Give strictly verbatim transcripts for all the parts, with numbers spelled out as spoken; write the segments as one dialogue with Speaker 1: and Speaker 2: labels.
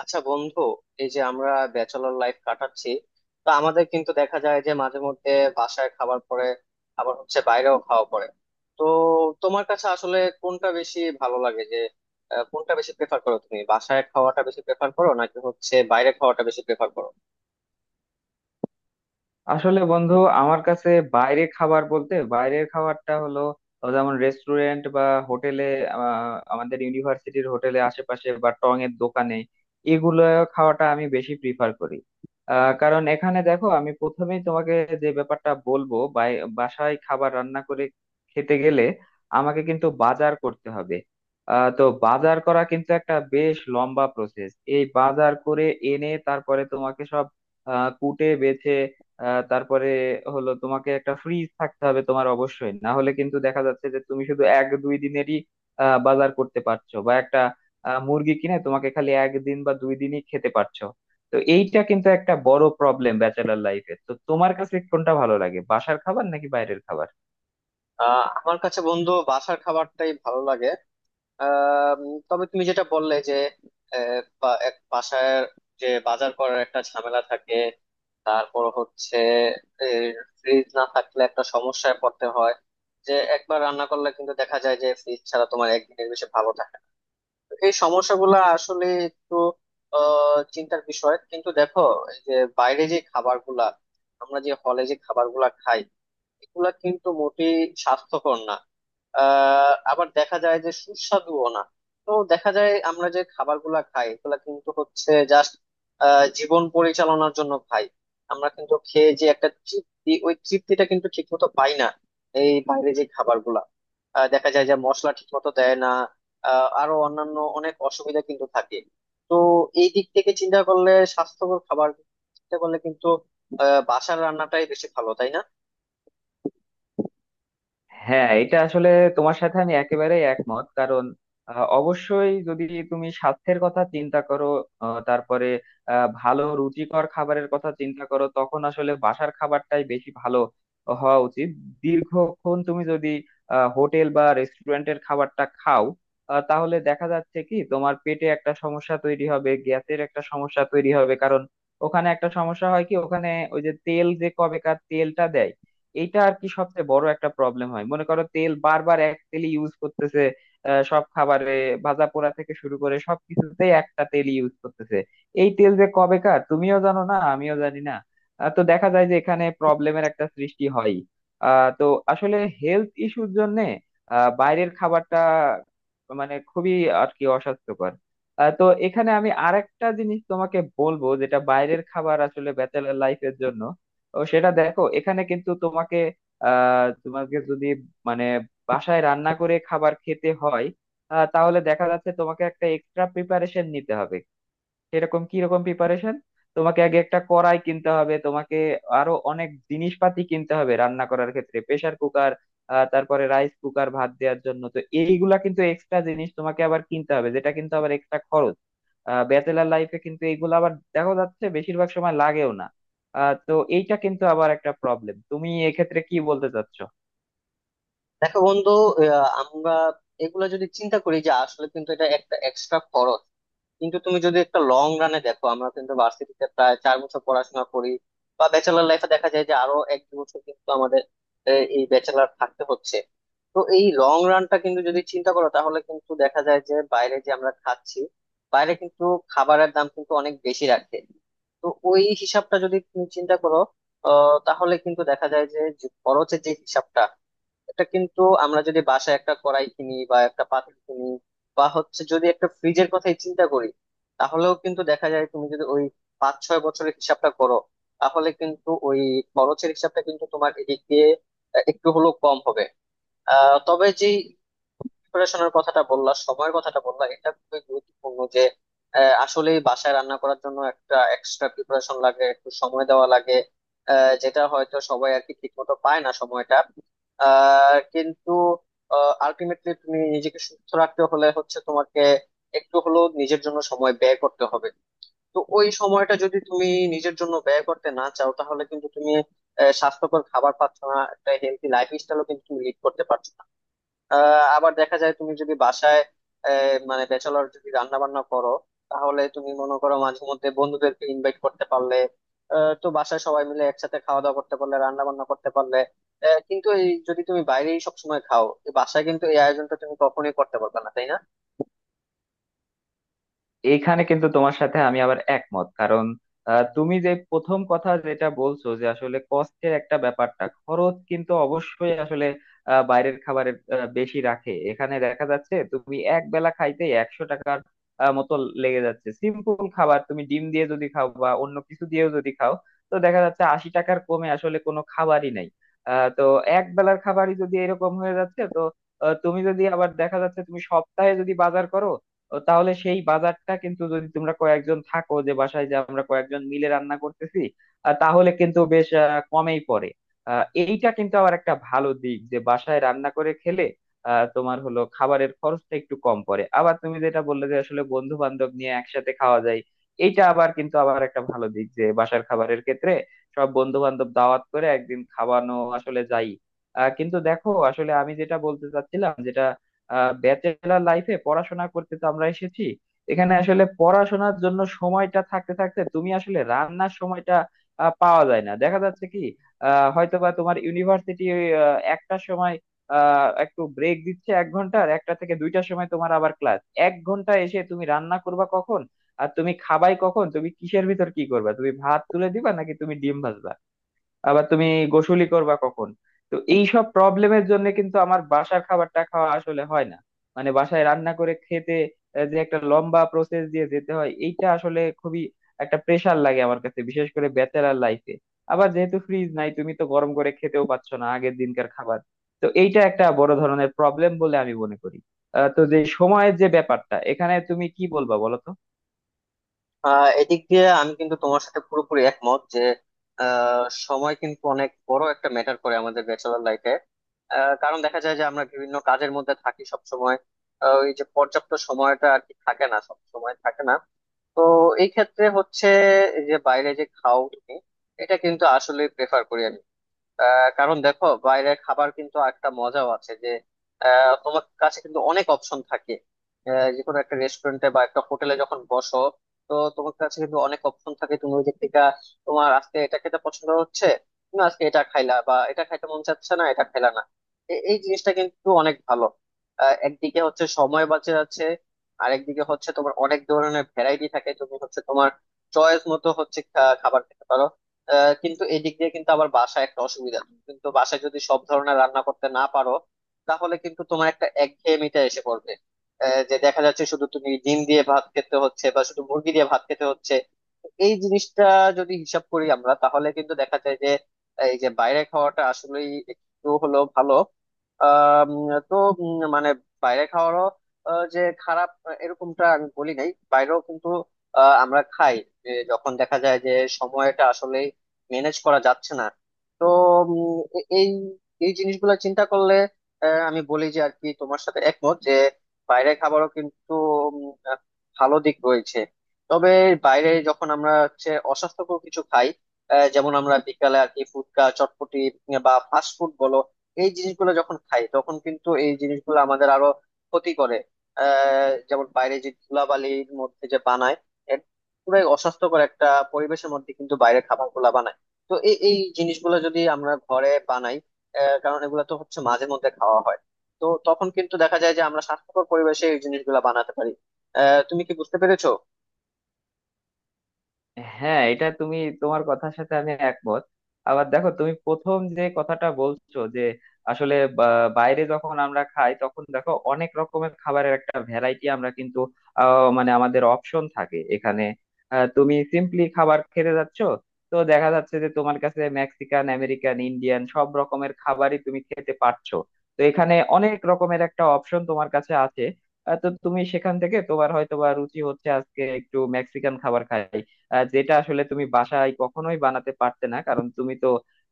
Speaker 1: আচ্ছা বন্ধু, এই যে আমরা ব্যাচেলর লাইফ কাটাচ্ছি, তো আমাদের কিন্তু দেখা যায় যে মাঝে মধ্যে বাসায় খাবার পরে, আবার হচ্ছে বাইরেও খাওয়া পড়ে। তো তোমার কাছে আসলে কোনটা বেশি ভালো লাগে, যে আহ, কোনটা বেশি প্রেফার করো? তুমি বাসায় খাওয়াটা বেশি প্রেফার করো, নাকি হচ্ছে বাইরে খাওয়াটা বেশি প্রেফার করো?
Speaker 2: আসলে বন্ধু, আমার কাছে বাইরে খাবার বলতে বাইরের খাবারটা হলো আহ, যেমন রেস্টুরেন্ট বা হোটেলে, আমাদের ইউনিভার্সিটির হোটেলে আশেপাশে বা টং এর দোকানে, এগুলো খাওয়াটা আমি বেশি প্রিফার করি। আহ, কারণ এখানে দেখো, আমি প্রথমেই তোমাকে যে ব্যাপারটা বলবো, বাই- বাসায় খাবার রান্না করে খেতে গেলে আমাকে কিন্তু বাজার করতে হবে। আহ, তো বাজার করা কিন্তু একটা বেশ লম্বা প্রসেস। এই বাজার করে এনে তারপরে তোমাকে সব আহ, কুটে বেছে আহ তারপরে হলো, তোমাকে একটা ফ্রিজ থাকতে হবে তোমার অবশ্যই, না হলে কিন্তু দেখা যাচ্ছে যে তুমি শুধু এক দুই দিনেরই আহ, বাজার করতে পারছো, বা একটা আহ, মুরগি কিনে তোমাকে খালি একদিন বা দুই দিনই খেতে পারছো। তো এইটা কিন্তু একটা বড় প্রবলেম ব্যাচেলর লাইফে। তো তোমার কাছে কোনটা ভালো লাগে, বাসার খাবার নাকি বাইরের খাবার?
Speaker 1: আহ আমার কাছে বন্ধু, বাসার খাবারটাই ভালো লাগে। আহ উম, তবে তুমি যেটা বললে যে আহ, বা- এক বাসায় যে বাজার করার একটা ঝামেলা থাকে, তারপর হচ্ছে ফ্রিজ না থাকলে একটা সমস্যায় পড়তে হয়। যে একবার রান্না করলে কিন্তু দেখা যায় যে ফ্রিজ ছাড়া তোমার একদিনের বেশি ভালো থাকে না। তো এই সমস্যাগুলো আসলে একটু আহ, চিন্তার বিষয়। কিন্তু দেখো, এই যে বাইরে যে খাবারগুলা, আমরা যে হলে যে খাবারগুলা খাই, এগুলা কিন্তু মোটেই স্বাস্থ্যকর না। আহ আবার দেখা যায় যে সুস্বাদুও না। তো দেখা যায় আমরা যে খাবারগুলা খাই, এগুলা কিন্তু হচ্ছে জাস্ট জীবন পরিচালনার জন্য খাই। আমরা কিন্তু খেয়ে যে একটা তৃপ্তি, ওই তৃপ্তিটা কিন্তু ঠিক মতো পাই না। এই বাইরে যে খাবারগুলা, আহ, দেখা যায় যে মশলা ঠিক মতো দেয় না। আহ, আরো অন্যান্য অনেক অসুবিধা কিন্তু থাকে। তো এই দিক থেকে চিন্তা করলে, স্বাস্থ্যকর খাবার চিন্তা করলে কিন্তু আহ বাসার রান্নাটাই বেশি ভালো, তাই না?
Speaker 2: হ্যাঁ, এটা আসলে তোমার সাথে আমি একেবারে একমত, কারণ আহ, অবশ্যই যদি তুমি স্বাস্থ্যের কথা চিন্তা করো, আহ, তারপরে আহ, ভালো রুচিকর খাবারের কথা চিন্তা করো, তখন আসলে বাসার খাবারটাই বেশি ভালো হওয়া উচিত। দীর্ঘক্ষণ তুমি যদি আহ, হোটেল বা রেস্টুরেন্টের খাবারটা খাও, আহ, তাহলে দেখা যাচ্ছে কি তোমার পেটে একটা সমস্যা তৈরি হবে, গ্যাসের একটা সমস্যা তৈরি হবে। কারণ ওখানে একটা সমস্যা হয় কি, ওখানে ওই যে তেল, যে কবেকার তেলটা দেয়, এইটা আর কি সবচেয়ে বড় একটা প্রবলেম হয়। মনে করো, তেল বারবার এক তেলই ইউজ করতেছে আহ, সব খাবারে। ভাজা পোড়া থেকে শুরু করে সব কিছুতেই একটা তেল ইউজ করতেছে। এই তেল যে কবেকার তুমিও জানো না, আমিও জানি না। আহ, তো দেখা যায় যে এখানে প্রবলেমের একটা সৃষ্টি হয়। আহ তো আসলে হেলথ ইস্যুর জন্য বাইরের খাবারটা মানে খুবই আর কি অস্বাস্থ্যকর। আহ, তো এখানে আমি আরেকটা জিনিস তোমাকে বলবো, যেটা বাইরের খাবার আসলে ব্যাচেলার লাইফের জন্য। ও সেটা দেখো, এখানে কিন্তু তোমাকে আহ তোমাকে যদি মানে বাসায় রান্না করে খাবার খেতে হয়, আহ, তাহলে দেখা যাচ্ছে তোমাকে একটা এক্সট্রা প্রিপারেশন নিতে হবে। এরকম কি রকম প্রিপারেশন? তোমাকে আগে একটা কড়াই কিনতে হবে, তোমাকে আরো অনেক জিনিসপাতি কিনতে হবে রান্না করার ক্ষেত্রে, প্রেসার কুকার, তারপরে রাইস কুকার ভাত দেওয়ার জন্য। তো এইগুলা কিন্তু এক্সট্রা জিনিস তোমাকে আবার কিনতে হবে, যেটা কিন্তু আবার এক্সট্রা খরচ। ব্যাচেলার লাইফে কিন্তু এগুলো আবার দেখা যাচ্ছে বেশিরভাগ সময় লাগেও না। আহ, তো এইটা কিন্তু আবার একটা প্রবলেম। তুমি এক্ষেত্রে কি বলতে চাচ্ছ?
Speaker 1: দেখো বন্ধু, আহ, আমরা এগুলা যদি চিন্তা করি, যে আসলে কিন্তু এটা একটা এক্সট্রা খরচ। কিন্তু তুমি যদি একটা লং রানে দেখো, আমরা কিন্তু ভার্সিটিতে প্রায় চার বছর পড়াশোনা করি, বা ব্যাচেলার লাইফে দেখা যায় যে আরো এক দু বছর কিন্তু আমাদের আহ, এই ব্যাচেলার থাকতে হচ্ছে। তো এই লং রানটা কিন্তু যদি চিন্তা করো, তাহলে কিন্তু দেখা যায় যে বাইরে যে আমরা খাচ্ছি, বাইরে কিন্তু খাবারের দাম কিন্তু অনেক বেশি রাখে। তো ওই হিসাবটা যদি তুমি চিন্তা করো, আহ, তাহলে কিন্তু দেখা যায় যে যে খরচের যে হিসাবটা, এটা কিন্তু আমরা যদি বাসায় একটা কড়াই কিনি বা একটা পাতিল কিনি, বা হচ্ছে যদি একটা ফ্রিজের কথাই চিন্তা করি, তাহলেও কিন্তু দেখা যায় তুমি যদি ওই পাঁচ ছয় বছরের হিসাবটা করো, তাহলে কিন্তু ওই খরচের হিসাবটা কিন্তু তোমার এদিক দিয়ে আহ, একটু হলেও কম হবে। আহ তবে যে প্রিপারেশনের কথাটা বললা, সময়ের কথাটা বললা, এটা খুবই গুরুত্বপূর্ণ। যে আহ, আসলে বাসায় রান্না করার জন্য একটা এক্সট্রা প্রিপারেশন লাগে, একটু সময় দেওয়া লাগে, আহ, যেটা হয়তো সবাই আর কি ঠিক মতো পায় না, সময়টা। আহ, কিন্তু আলটিমেটলি তুমি নিজেকে সুস্থ রাখতে হলে হচ্ছে তোমাকে একটু হলেও নিজের জন্য সময় ব্যয় করতে হবে। তো ওই সময়টা যদি তুমি নিজের জন্য ব্যয় করতে না চাও, তাহলে কিন্তু তুমি আহ, স্বাস্থ্যকর খাবার পাচ্ছ না, একটা হেলদি লাইফ স্টাইলও কিন্তু তুমি লিড করতে পারছো না। আহ, আবার দেখা যায় তুমি যদি বাসায় আহ, মানে ব্যাচেলর যদি রান্না বান্না করো, তাহলে তুমি মনে করো মাঝে মধ্যে বন্ধুদেরকে ইনভাইট করতে পারলে, আহ, তো বাসায় সবাই মিলে একসাথে খাওয়া দাওয়া করতে পারলে, রান্না বান্না করতে পারলে। আহ, কিন্তু এই যদি তুমি বাইরেই সবসময় খাও, এই বাসায় কিন্তু এই আয়োজনটা তুমি কখনোই করতে পারবে না, তাই না?
Speaker 2: এইখানে কিন্তু তোমার সাথে আমি আবার একমত, কারণ আহ, তুমি যে প্রথম কথা যেটা বলছো যে আসলে কষ্টের একটা ব্যাপারটা, খরচ কিন্তু অবশ্যই আসলে আহ, বাইরের খাবারের আহ, বেশি রাখে। এখানে দেখা যাচ্ছে তুমি এক বেলা খাইতে একশো টাকার আহ, মতো লেগে যাচ্ছে। সিম্পল খাবার তুমি ডিম দিয়ে যদি খাও বা অন্য কিছু দিয়েও যদি খাও, তো দেখা যাচ্ছে আশি টাকার কমে আসলে কোনো খাবারই নাই। আহ, তো এক বেলার খাবারই যদি এরকম হয়ে যাচ্ছে, তো আহ, তুমি যদি আবার দেখা যাচ্ছে তুমি সপ্তাহে যদি বাজার করো, ও তাহলে সেই বাজারটা কিন্তু, যদি তোমরা কয়েকজন থাকো, যে বাসায় যে আমরা কয়েকজন মিলে রান্না করতেছি, আহ, তাহলে কিন্তু বেশ আহ, কমেই পড়ে। আহ, এইটা কিন্তু আবার একটা ভালো দিক যে বাসায় রান্না করে খেলে আহ, তোমার হলো খাবারের খরচটা একটু কম পড়ে। আবার তুমি যেটা বললে যে আসলে বন্ধু বান্ধব নিয়ে একসাথে খাওয়া যায়, এইটা আবার কিন্তু আবার একটা ভালো দিক যে বাসার খাবারের ক্ষেত্রে সব বন্ধু বান্ধব দাওয়াত করে একদিন খাওয়ানো আসলে যাই। আহ, কিন্তু দেখো, আসলে আমি যেটা বলতে চাচ্ছিলাম, যেটা ব্যাচেলার লাইফে পড়াশোনা করতে তো আমরা এসেছি, এখানে আসলে পড়াশোনার জন্য সময়টা থাকতে থাকতে তুমি আসলে রান্নার সময়টা আহ, পাওয়া যায় না। দেখা যাচ্ছে কি, আহ হয়তো বা তোমার ইউনিভার্সিটি একটার সময় আহ একটু ব্রেক দিচ্ছে এক ঘন্টার, একটা থেকে দুইটার সময় তোমার আবার ক্লাস। এক ঘন্টা এসে তুমি রান্না করবা কখন? আর তুমি খাবাই কখন? তুমি কিসের ভিতর কি করবা? তুমি ভাত তুলে দিবা নাকি তুমি ডিম ভাজবা? আবার তুমি গোসুলি করবা কখন? তো এইসব প্রবলেমের জন্য কিন্তু আমার বাসার খাবারটা খাওয়া আসলে হয় না। মানে বাসায় রান্না করে খেতে আহ, যে একটা লম্বা প্রসেস দিয়ে যেতে হয়, এইটা আসলে খুবই একটা প্রেশার লাগে আমার কাছে, বিশেষ করে ব্যাচেলার লাইফে। আবার যেহেতু ফ্রিজ নাই, তুমি তো গরম করে খেতেও পাচ্ছ না আগের দিনকার খাবার। তো এইটা একটা বড় ধরনের প্রবলেম বলে আমি মনে করি। আহ, তো যে সময়ের যে ব্যাপারটা, এখানে তুমি কি বলবা বলো তো?
Speaker 1: আহ এদিক দিয়ে আমি কিন্তু তোমার সাথে পুরোপুরি একমত যে আহ, সময় কিন্তু অনেক বড় একটা ম্যাটার করে আমাদের ব্যাচেলর লাইফে। কারণ দেখা যায় যে আমরা বিভিন্ন কাজের মধ্যে থাকি সব সময়, ওই যে পর্যাপ্ত সময়টা আর কি থাকে না, সব সময় থাকে না। তো এই ক্ষেত্রে হচ্ছে, এই যে বাইরে যে খাও তুমি, এটা কিন্তু আসলে প্রেফার করি আমি। আহ, কারণ দেখো, বাইরের খাবার কিন্তু একটা মজাও আছে যে আহ, তোমার কাছে কিন্তু অনেক অপশন থাকে। আহ, যে কোনো একটা রেস্টুরেন্টে বা একটা হোটেলে যখন বসো, তো তোমার কাছে কিন্তু অনেক অপশন থাকে, তুমি ওই দিক থেকে তোমার আজকে এটা খেতে পছন্দ হচ্ছে, তুমি আজকে এটা খাইলা, বা এটা খাইতে মন চাচ্ছে না, এটা খাইলা না। এ- এই জিনিসটা কিন্তু অনেক ভালো। আহ, একদিকে হচ্ছে সময় বাঁচে যাচ্ছে, আর একদিকে হচ্ছে তোমার অনেক ধরনের ভ্যারাইটি থাকে, তুমি হচ্ছে তোমার চয়েস মতো হচ্ছে খা- খাবার খেতে পারো। আহ, কিন্তু এই দিক দিয়ে কিন্তু আবার বাসায় একটা অসুবিধা, তুমি কিন্তু বাসায় যদি সব ধরনের রান্না করতে না পারো, তাহলে কিন্তু তোমার একটা একঘেয়েমিটা এসে পড়বে। আহ, যে দেখা যাচ্ছে শুধু তুমি ডিম দিয়ে ভাত খেতে হচ্ছে, বা শুধু মুরগি দিয়ে ভাত খেতে হচ্ছে। এই জিনিসটা যদি হিসাব করি আমরা, তাহলে কিন্তু দেখা যায় যে এই যে বাইরে খাওয়াটা আসলেই একটু হলো ভালো। আম, তো উম, মানে বাইরে খাওয়ারও আহ, যে খারাপ, আহ, এরকমটা আমি বলি নাই। বাইরেও কিন্তু আহ, আমরা খাই, যে যখন দেখা যায় যে সময়টা আসলে ম্যানেজ করা যাচ্ছে না। তো উম, এ- এই এই জিনিসগুলো চিন্তা করলে আহ, আমি বলি যে আর কি তোমার সাথে একমত যে বাইরের খাবারও কিন্তু উম, আহ, ভালো দিক রয়েছে। তবে বাইরে যখন আমরা হচ্ছে অস্বাস্থ্যকর কিছু খাই, আহ, যেমন আমরা বিকালে আর কি ফুচকা, চটপটি, বা ফাস্ট ফুড বলো, এই জিনিসগুলো যখন খাই, তখন কিন্তু এই জিনিসগুলো আমাদের আরো ক্ষতি করে। আহ যেমন বাইরে যে ধুলাবালির মধ্যে যে বানায়, এর পুরাই অস্বাস্থ্যকর একটা পরিবেশের মধ্যে কিন্তু বাইরে খাবার গুলা বানায়। তো এই এই জিনিসগুলো যদি আমরা ঘরে বানাই, আহ, কারণ এগুলো তো হচ্ছে মাঝে মধ্যে খাওয়া হয়, তো তখন কিন্তু দেখা যায় যে আমরা স্বাস্থ্যকর পরিবেশে এই জিনিসগুলো বানাতে পারি। আহ তুমি কি বুঝতে পেরেছো?
Speaker 2: হ্যাঁ, এটা তুমি, তোমার কথার সাথে আমি একমত। আবার দেখো তুমি প্রথম যে কথাটা বলছো যে আসলে বা- বাইরে যখন আমরা খাই, তখন দেখো অনেক রকমের খাবারের একটা ভ্যারাইটি আমরা কিন্তু আহ, মানে আমাদের অপশন থাকে এখানে। আহ, তুমি সিম্পলি খাবার খেতে যাচ্ছ, তো দেখা যাচ্ছে যে তোমার কাছে মেক্সিকান, আমেরিকান, ইন্ডিয়ান সব রকমের খাবারই তুমি খেতে পারছো। তো এখানে অনেক রকমের একটা অপশন তোমার কাছে আছে। আহ, তো তুমি সেখান থেকে তোমার হয়তো বা রুচি হচ্ছে আজকে একটু মেক্সিকান খাবার খাই, আহ, যেটা আসলে তুমি বাসায় কখনোই বানাতে পারতে না, কারণ তুমি তো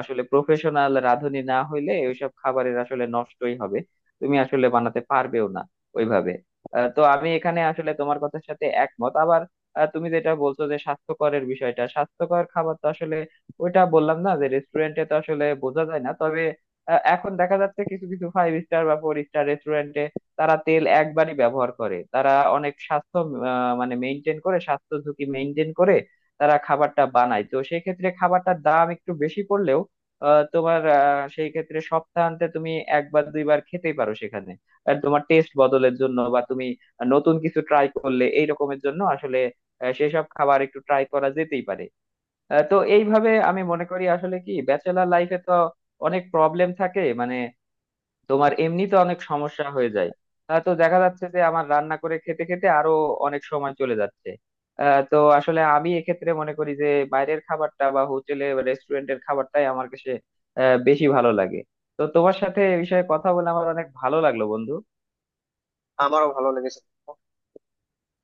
Speaker 2: আসলে প্রফেশনাল রাঁধুনি না হইলে ওইসব খাবারের আসলে নষ্টই হবে, তুমি আসলে বানাতে পারবেও না ওইভাবে। আহ, তো আমি এখানে আসলে তোমার কথার সাথে একমত। আবার আহ, তুমি যেটা বলছো যে স্বাস্থ্যকরের বিষয়টা, স্বাস্থ্যকর খাবার তো আসলে ওইটা বললাম না যে রেস্টুরেন্টে তো আসলে বোঝা যায় না। তবে আহ, এখন দেখা যাচ্ছে কিছু কিছু ফাইভ স্টার বা ফোর স্টার রেস্টুরেন্টে তারা তেল একবারই ব্যবহার করে, তারা অনেক স্বাস্থ্য আহ, মানে মেনটেন করে, স্বাস্থ্য ঝুঁকি মেনটেন করে তারা খাবারটা বানায়। তো সেই ক্ষেত্রে খাবারটার দাম একটু বেশি পড়লেও আহ, তোমার আহ, সেই ক্ষেত্রে সপ্তাহান্তে তুমি একবার দুইবার খেতেই পারো সেখানে। আর তোমার টেস্ট বদলের জন্য বা তুমি নতুন কিছু ট্রাই করলে, এই রকমের জন্য আসলে আহ, সেসব খাবার একটু ট্রাই করা যেতেই পারে। আহ, তো এইভাবে আমি মনে করি, আসলে কি ব্যাচেলার লাইফে তো অনেক প্রবলেম থাকে, মানে তোমার এমনিতে অনেক সমস্যা হয়ে যায়। আহ, তো দেখা যাচ্ছে যে আমার রান্না করে খেতে খেতে আরো অনেক সময় চলে যাচ্ছে। আহ, তো আসলে আমি এক্ষেত্রে মনে করি যে বাইরের খাবারটা বা হোটেলে বা রেস্টুরেন্টের খাবারটাই আমার কাছে আহ, বেশি ভালো লাগে। তো তোমার সাথে এ বিষয়ে কথা বলে আমার অনেক ভালো লাগলো বন্ধু।
Speaker 1: আমারও ভালো লেগেছে।